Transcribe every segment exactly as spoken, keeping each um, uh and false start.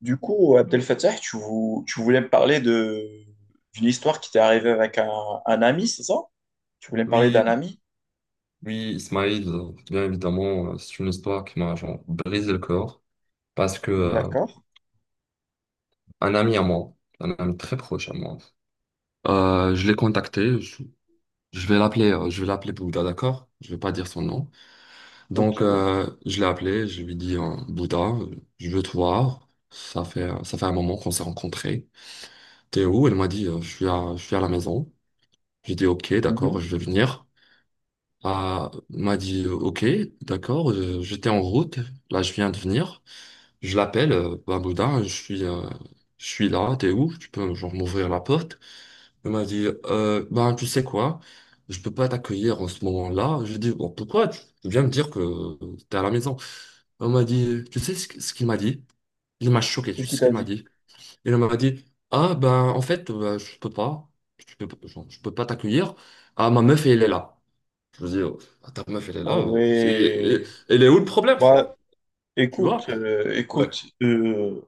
Du coup, Abdel Fattah, tu, vou- tu voulais me parler de d'une histoire qui t'est arrivée avec un, un ami, c'est ça? Tu voulais me parler d'un Oui, ami? oui, Ismail, euh, bien évidemment, euh, c'est une histoire qui m'a genre brisé le corps parce que euh, D'accord, un ami à moi, un ami très proche à moi, euh, je l'ai contacté, je, je vais l'appeler, euh, je vais l'appeler Bouddha, d'accord? Je vais pas dire son nom. Donc, ok. euh, je l'ai appelé, je lui ai dit, euh, Bouddha, euh, je veux te voir. Ça fait, euh, ça fait un moment qu'on s'est rencontrés. T'es où? Elle m'a dit, euh, je suis à, je suis à la maison. J'ai dit, ok, Mhm. d'accord, je vais venir. Ah, il m'a dit euh, OK, d'accord, euh, j'étais en route, là je viens de venir. Je l'appelle, euh, Bah, Boudin, je suis, euh, je suis là, t'es où? Tu peux genre m'ouvrir la porte. Il m'a dit euh, ben tu sais quoi, je peux pas t'accueillir en ce moment-là. Je lui ai dit bon pourquoi? Tu tu viens me dire que euh, t'es à la maison. Il m'a dit tu sais ce, qu- ce qu'il m'a dit? Il m'a choqué, Qu'est-ce tu sais qu'il ce t'a qu'il m'a dit? dit? Il m'a dit ah ben en fait euh, je peux pas, je peux, pas- genre, je peux pas t'accueillir. Ah ma meuf elle est là. Je me dis, oh, bah, ta meuf, elle est Ah là. oh, c'est- et- et- ouais. elle est où le problème, frère? Bah, Tu Écoute, vois? euh, Ouais, écoute, euh,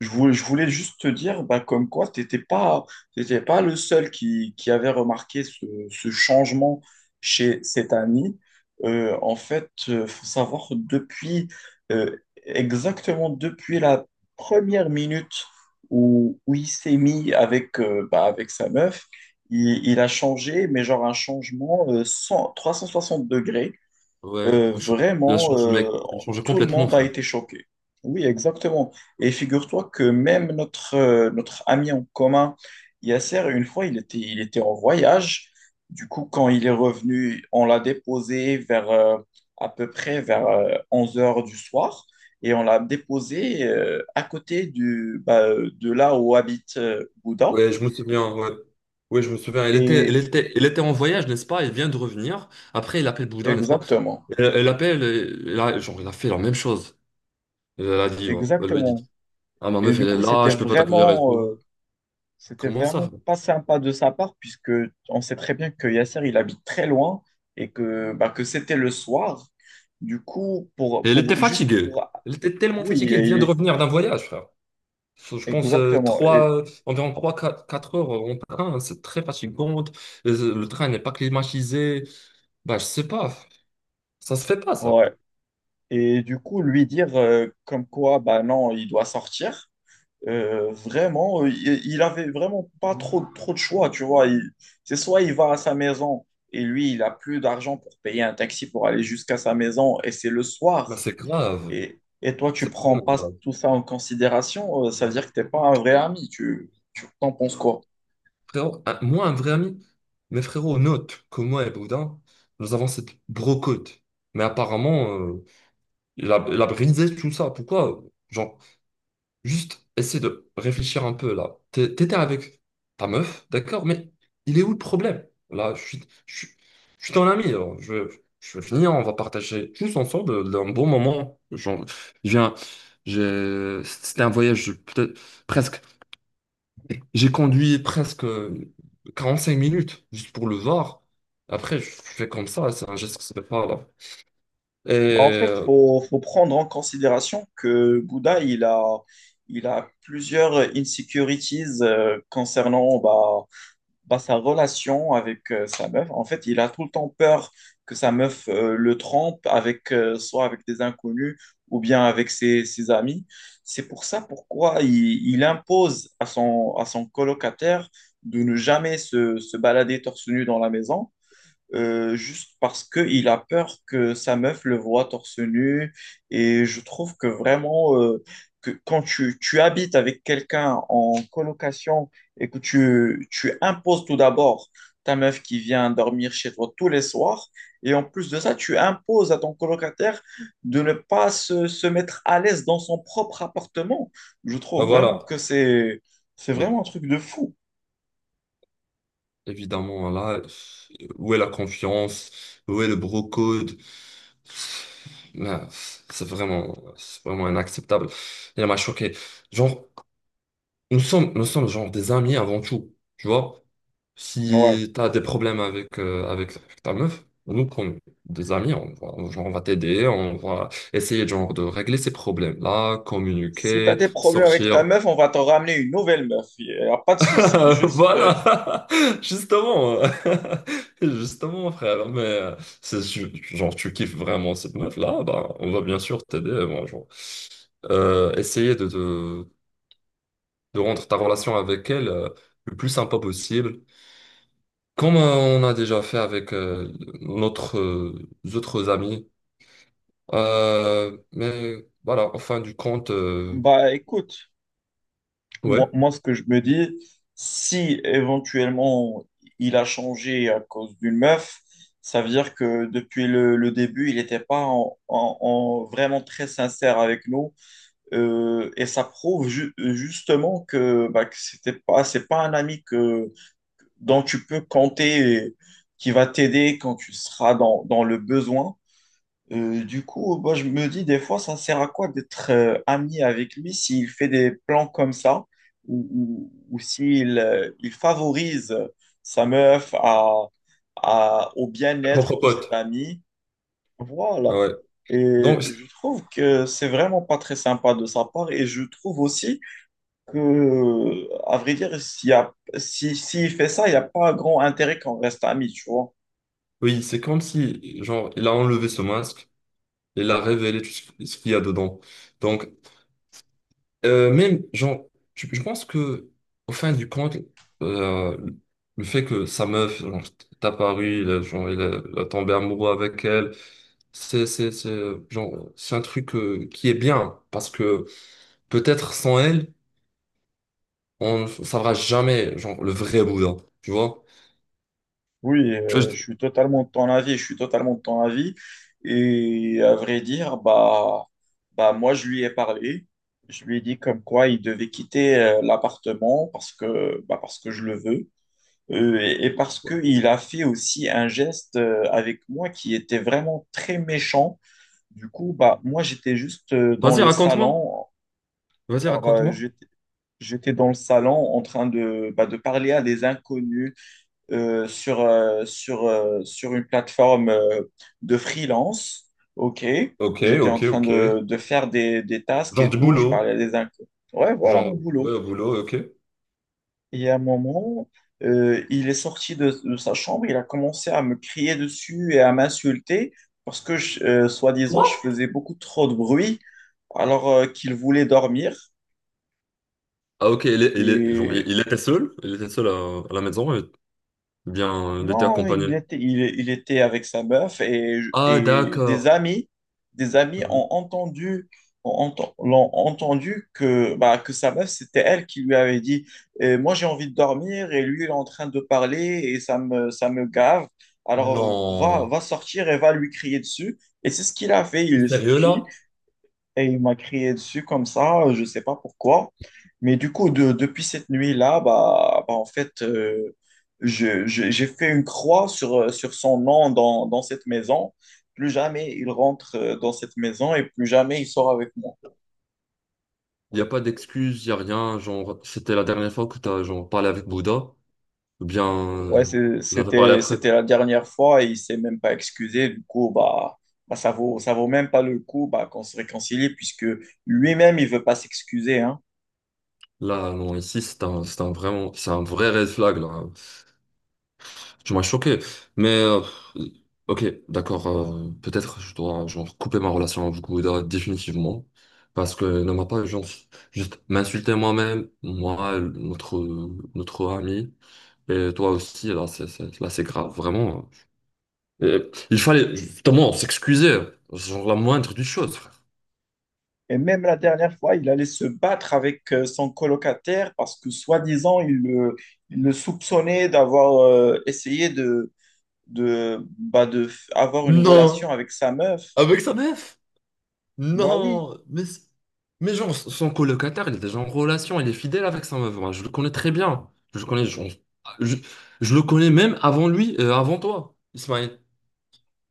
je voulais, je voulais juste te dire, bah, comme quoi, tu n'étais pas, t'étais pas le seul qui, qui avait remarqué ce, ce changement chez cet ami. Euh, en fait, il faut savoir, depuis, euh, exactement depuis la première minute où, où il s'est mis avec, euh, bah, avec sa meuf, il, il a changé, mais genre un changement euh, cent trois cent soixante degrés. ouais. Euh, Elle change, elle vraiment, change, mec. euh, Elle change tout le complètement, monde a frère. été choqué. Oui, exactement. Et figure-toi que même notre, euh, notre ami en commun, Yasser, une fois, il était, il était en voyage. Du coup, quand il est revenu, on l'a déposé vers euh, à peu près vers euh, onze heures du soir et on l'a déposé euh, à côté du, bah, euh, de là où habite euh, Bouddha. Ouais, je me souviens, ouais. Ouais, je me souviens. Elle était, elle Et et- était, elle était en voyage, n'est-ce pas? Elle vient de revenir. Après, elle appelle Bouddha, n'est-ce pas? exactement, Elle, elle appelle, et- elle a genre, elle a fait la même chose. Elle, elle a dit, ouais. Elle lui a exactement. dit, ah, ma Et meuf, du elle est coup, là, c'était je peux pas t'accueillir et vraiment, tout. euh, C'était Comment ça, vraiment frère? pas sympa de sa part, puisque on sait très bien que Yasser, il habite très loin et que, bah, que c'était le soir. Du coup, pour, Et elle était pour juste fatiguée. pour. Elle était tellement Oui, fatiguée, elle vient de il revenir d'un voyage, frère. Faut- Je pense euh, exactement. Et, trois, environ trois quatre heures en train, hein, c'est très fatigant. Euh, Le train n'est pas climatisé. Bah, je sais pas, ça se fait pas ça. ouais. Et du coup, lui dire euh, comme quoi, bah non, il doit sortir. euh, vraiment, euh, il, il avait vraiment pas trop, trop de choix, tu vois. Il- C'est soit il va à sa maison et lui, il a plus d'argent pour payer un taxi pour aller jusqu'à sa maison et c'est le Bah, soir. c'est grave, Et, et toi, tu c'est prends vraiment pas grave. tout ça en considération, euh, ça veut dire que t'es pas un vrai ami. Tu, tu t'en penses quoi? Frérot, un- moi, un vrai ami, mes frérots notent que moi et Boudin, nous avons cette brocode. Mais apparemment, euh, il a, il a brisé tout ça. Pourquoi? Genre, Juste essayer de réfléchir un peu là. T'é- T'étais avec ta meuf, d'accord, mais il est où le problème? Là, je suis, je suis, je suis ton ami, alors je, je veux finir, on va partager tous ensemble un bon moment. Genre, je viens, j'ai- c'était un voyage peut-être presque. J'ai conduit presque quarante cinq minutes juste pour le voir. Après, je fais comme ça, c'est un geste que ça fait pas là. Et Bah, en fait, euh, faut, faut prendre en considération que Bouddha, il a, il a plusieurs insecurities euh, concernant bah, bah, sa relation avec euh, sa meuf, en fait, il a tout le temps peur que sa meuf euh, le trompe avec euh, soit avec des inconnus ou bien avec ses, ses amis. C'est pour ça pourquoi il, il impose à son, à son colocataire de ne jamais se, se balader torse nu dans la maison euh, juste parce qu'il a peur que sa meuf le voie torse nu. Et je trouve que vraiment, euh, que quand tu, tu habites avec quelqu'un en colocation et que tu, tu imposes tout d'abord ta meuf qui vient dormir chez toi tous les soirs, et en plus de ça, tu imposes à ton colocataire de ne pas se, se mettre à l'aise dans son propre appartement. Je bah, trouve vraiment voilà. que c'est, c'est vraiment un truc de fou. Évidemment, là, où est la confiance? Où est le bro code? Là, c'est vraiment, c'est vraiment inacceptable. Il m'a choqué. Genre, nous sommes, nous sommes genre des amis avant tout. Tu vois, Ouais. si t'as des problèmes avec, euh, avec, avec ta meuf, nous, comme des amis, on va genre, on va t'aider, on va essayer genre de régler ces problèmes-là, Si t'as communiquer, des problèmes avec ta sortir. meuf, on va t'en ramener une nouvelle meuf. Il n'y a pas de souci. Euh, Juste, euh, voilà, justement, euh, justement, frère, mais euh, c'est su- genre tu kiffes vraiment cette meuf-là, bah, on va bien sûr t'aider, bon, genre, euh, essayer de, de, de rendre ta relation avec elle euh, le plus sympa possible, comme euh, on a déjà fait avec euh, notre, euh, autres amis. Euh, mais voilà, en fin du compte, euh, Bah écoute, ouais, moi, moi, ce que je me dis, si éventuellement il a changé à cause d'une meuf, ça veut dire que depuis le, le début, il n'était pas en, en- en vraiment très sincère avec nous. Euh, et ça prouve ju- justement que, bah, que c'était pas, c'est pas un ami que, dont tu peux compter et qui va t'aider quand tu seras dans, dans le besoin. Euh, du coup, moi, je me dis des fois, ça sert à quoi d'être euh, ami avec lui s'il fait des plans comme ça ou, ou- ou s'il euh, il favorise sa meuf à, à- au bien-être propre de ses pote. amis. Voilà. Ah ouais. Et Donc, je trouve que c'est vraiment pas très sympa de sa part. Et je trouve aussi que, à vrai dire, s'il y a, si, s'il fait ça, il n'y a pas grand intérêt qu'on reste amis, tu vois. oui, c'est comme si genre, il a enlevé ce masque. Il a révélé tout ce ce qu'il y a dedans. Donc, euh, même genre, tu- je pense que, au fin du compte, euh, le fait que sa meuf genre, est apparue, il a, genre, il a, il a tombé amoureux avec elle, c'est, c'est, c'est, euh, genre, c'est un truc, euh, qui est bien, parce que peut-être sans elle, on ne saura jamais genre, le vrai Bouddha, tu vois? Oui, Tu vois, euh, je- je suis totalement de ton avis, je suis totalement de ton avis. Et à vrai dire, bah, bah moi, je lui ai parlé. Je lui ai dit comme quoi il devait quitter euh, l'appartement parce que, bah, parce que je le veux. Euh, et, et parce qu'il a fait aussi un geste euh, avec moi qui était vraiment très méchant. Du coup, bah, moi, j'étais juste euh, dans Vas-y, le raconte-moi. salon. Vas-y, Alors, euh, raconte-moi. j'étais j'étais dans le salon en train de, bah, de parler à des inconnus euh, sur, euh, sur, euh, sur une plateforme euh, de freelance. OK. Ok, J'étais en ok, train ok. de, de faire des, des tasks Genre et du tout. Je boulot. parlais à des inconnus. Ouais, voilà Genre, mon boulot. ouais, au boulot, ok. Et à un moment, euh, il est sorti de, de sa chambre. Il a commencé à me crier dessus et à m'insulter parce que, je- euh, soi-disant, je faisais beaucoup trop de bruit alors euh, qu'il voulait dormir. Ah ok, il, est- il, est- genre, il Et il était seul, il était seul à, à la maison, et bien, euh, il était Non, accompagné. il était, il, il était avec sa meuf et, Ah et des d'accord. amis, des amis ont Mhm. entendu, ont enten- l'ont entendu que, bah, que sa meuf, c'était elle qui lui avait dit, Euh, moi j'ai envie de dormir et lui il est en train de parler et ça me, ça me gave. Alors va, Non. va sortir et va lui crier dessus. Et c'est ce qu'il a fait. T'es Il est sérieux sorti là? et il m'a crié dessus comme ça, je ne sais pas pourquoi. Mais du coup, de- depuis cette nuit-là, bah, bah, en fait, euh, je- je- j'ai fait une croix sur, euh, sur son nom dans, dans cette maison. Plus jamais il rentre euh, dans cette maison et plus jamais il sort avec moi. Il n'y a pas d'excuse, il n'y a rien, genre, c'était la dernière fois que t'as genre parlé avec Bouddha, ou bien, Ouais, euh, c'est- vous avez parlé c'était, après. c'était la dernière fois et il s'est même pas excusé. Du coup, bah, bah, ça vaut, ça vaut même pas le coup bah, qu'on se réconcilie puisque lui-même, il veut pas s'excuser, hein. Là, non, ici, c'est un, c'est un vraiment, c'est un vrai red flag, là. Tu m'as choqué, mais euh, ok, d'accord. Euh, peut-être je dois genre couper ma relation avec Gouda définitivement parce que ne m'a pas genre, juste m'insulter moi-même, moi, notre notre ami et toi aussi. Là, c'est c'est- là, c'est grave, vraiment. Et il fallait justement s'excuser, genre la moindre des choses, frère. Et même la dernière fois, il allait se battre avec euh, son colocataire parce que, soi-disant, il le, il le soupçonnait d'avoir euh, essayé de, de, bah, de f- avoir une relation Non, avec sa meuf. avec sa meuf. Bah oui. Non, mais, c- mais genre, son son colocataire, il est déjà en relation, il est fidèle avec sa meuf. Moi, je le connais très bien. Je le connais, genre, je, je le connais même avant lui, euh, avant toi, Ismaël.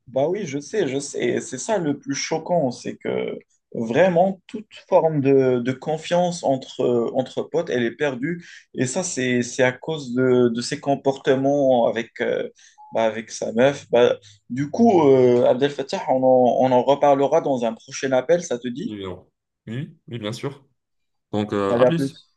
Bah oui, je sais, je sais. Et c'est ça le plus choquant, c'est que vraiment toute forme de, de confiance entre, euh, entre potes, elle est perdue. Et ça, c'est, c'est à cause de, de ses comportements avec, euh, bah, avec sa meuf. Bah, du coup, euh, Abdel Fattah, on en, on en reparlera dans un prochain appel, ça te dit? Oui, oui, oui, bien sûr. Donc, euh, Allez, à à plus. plus.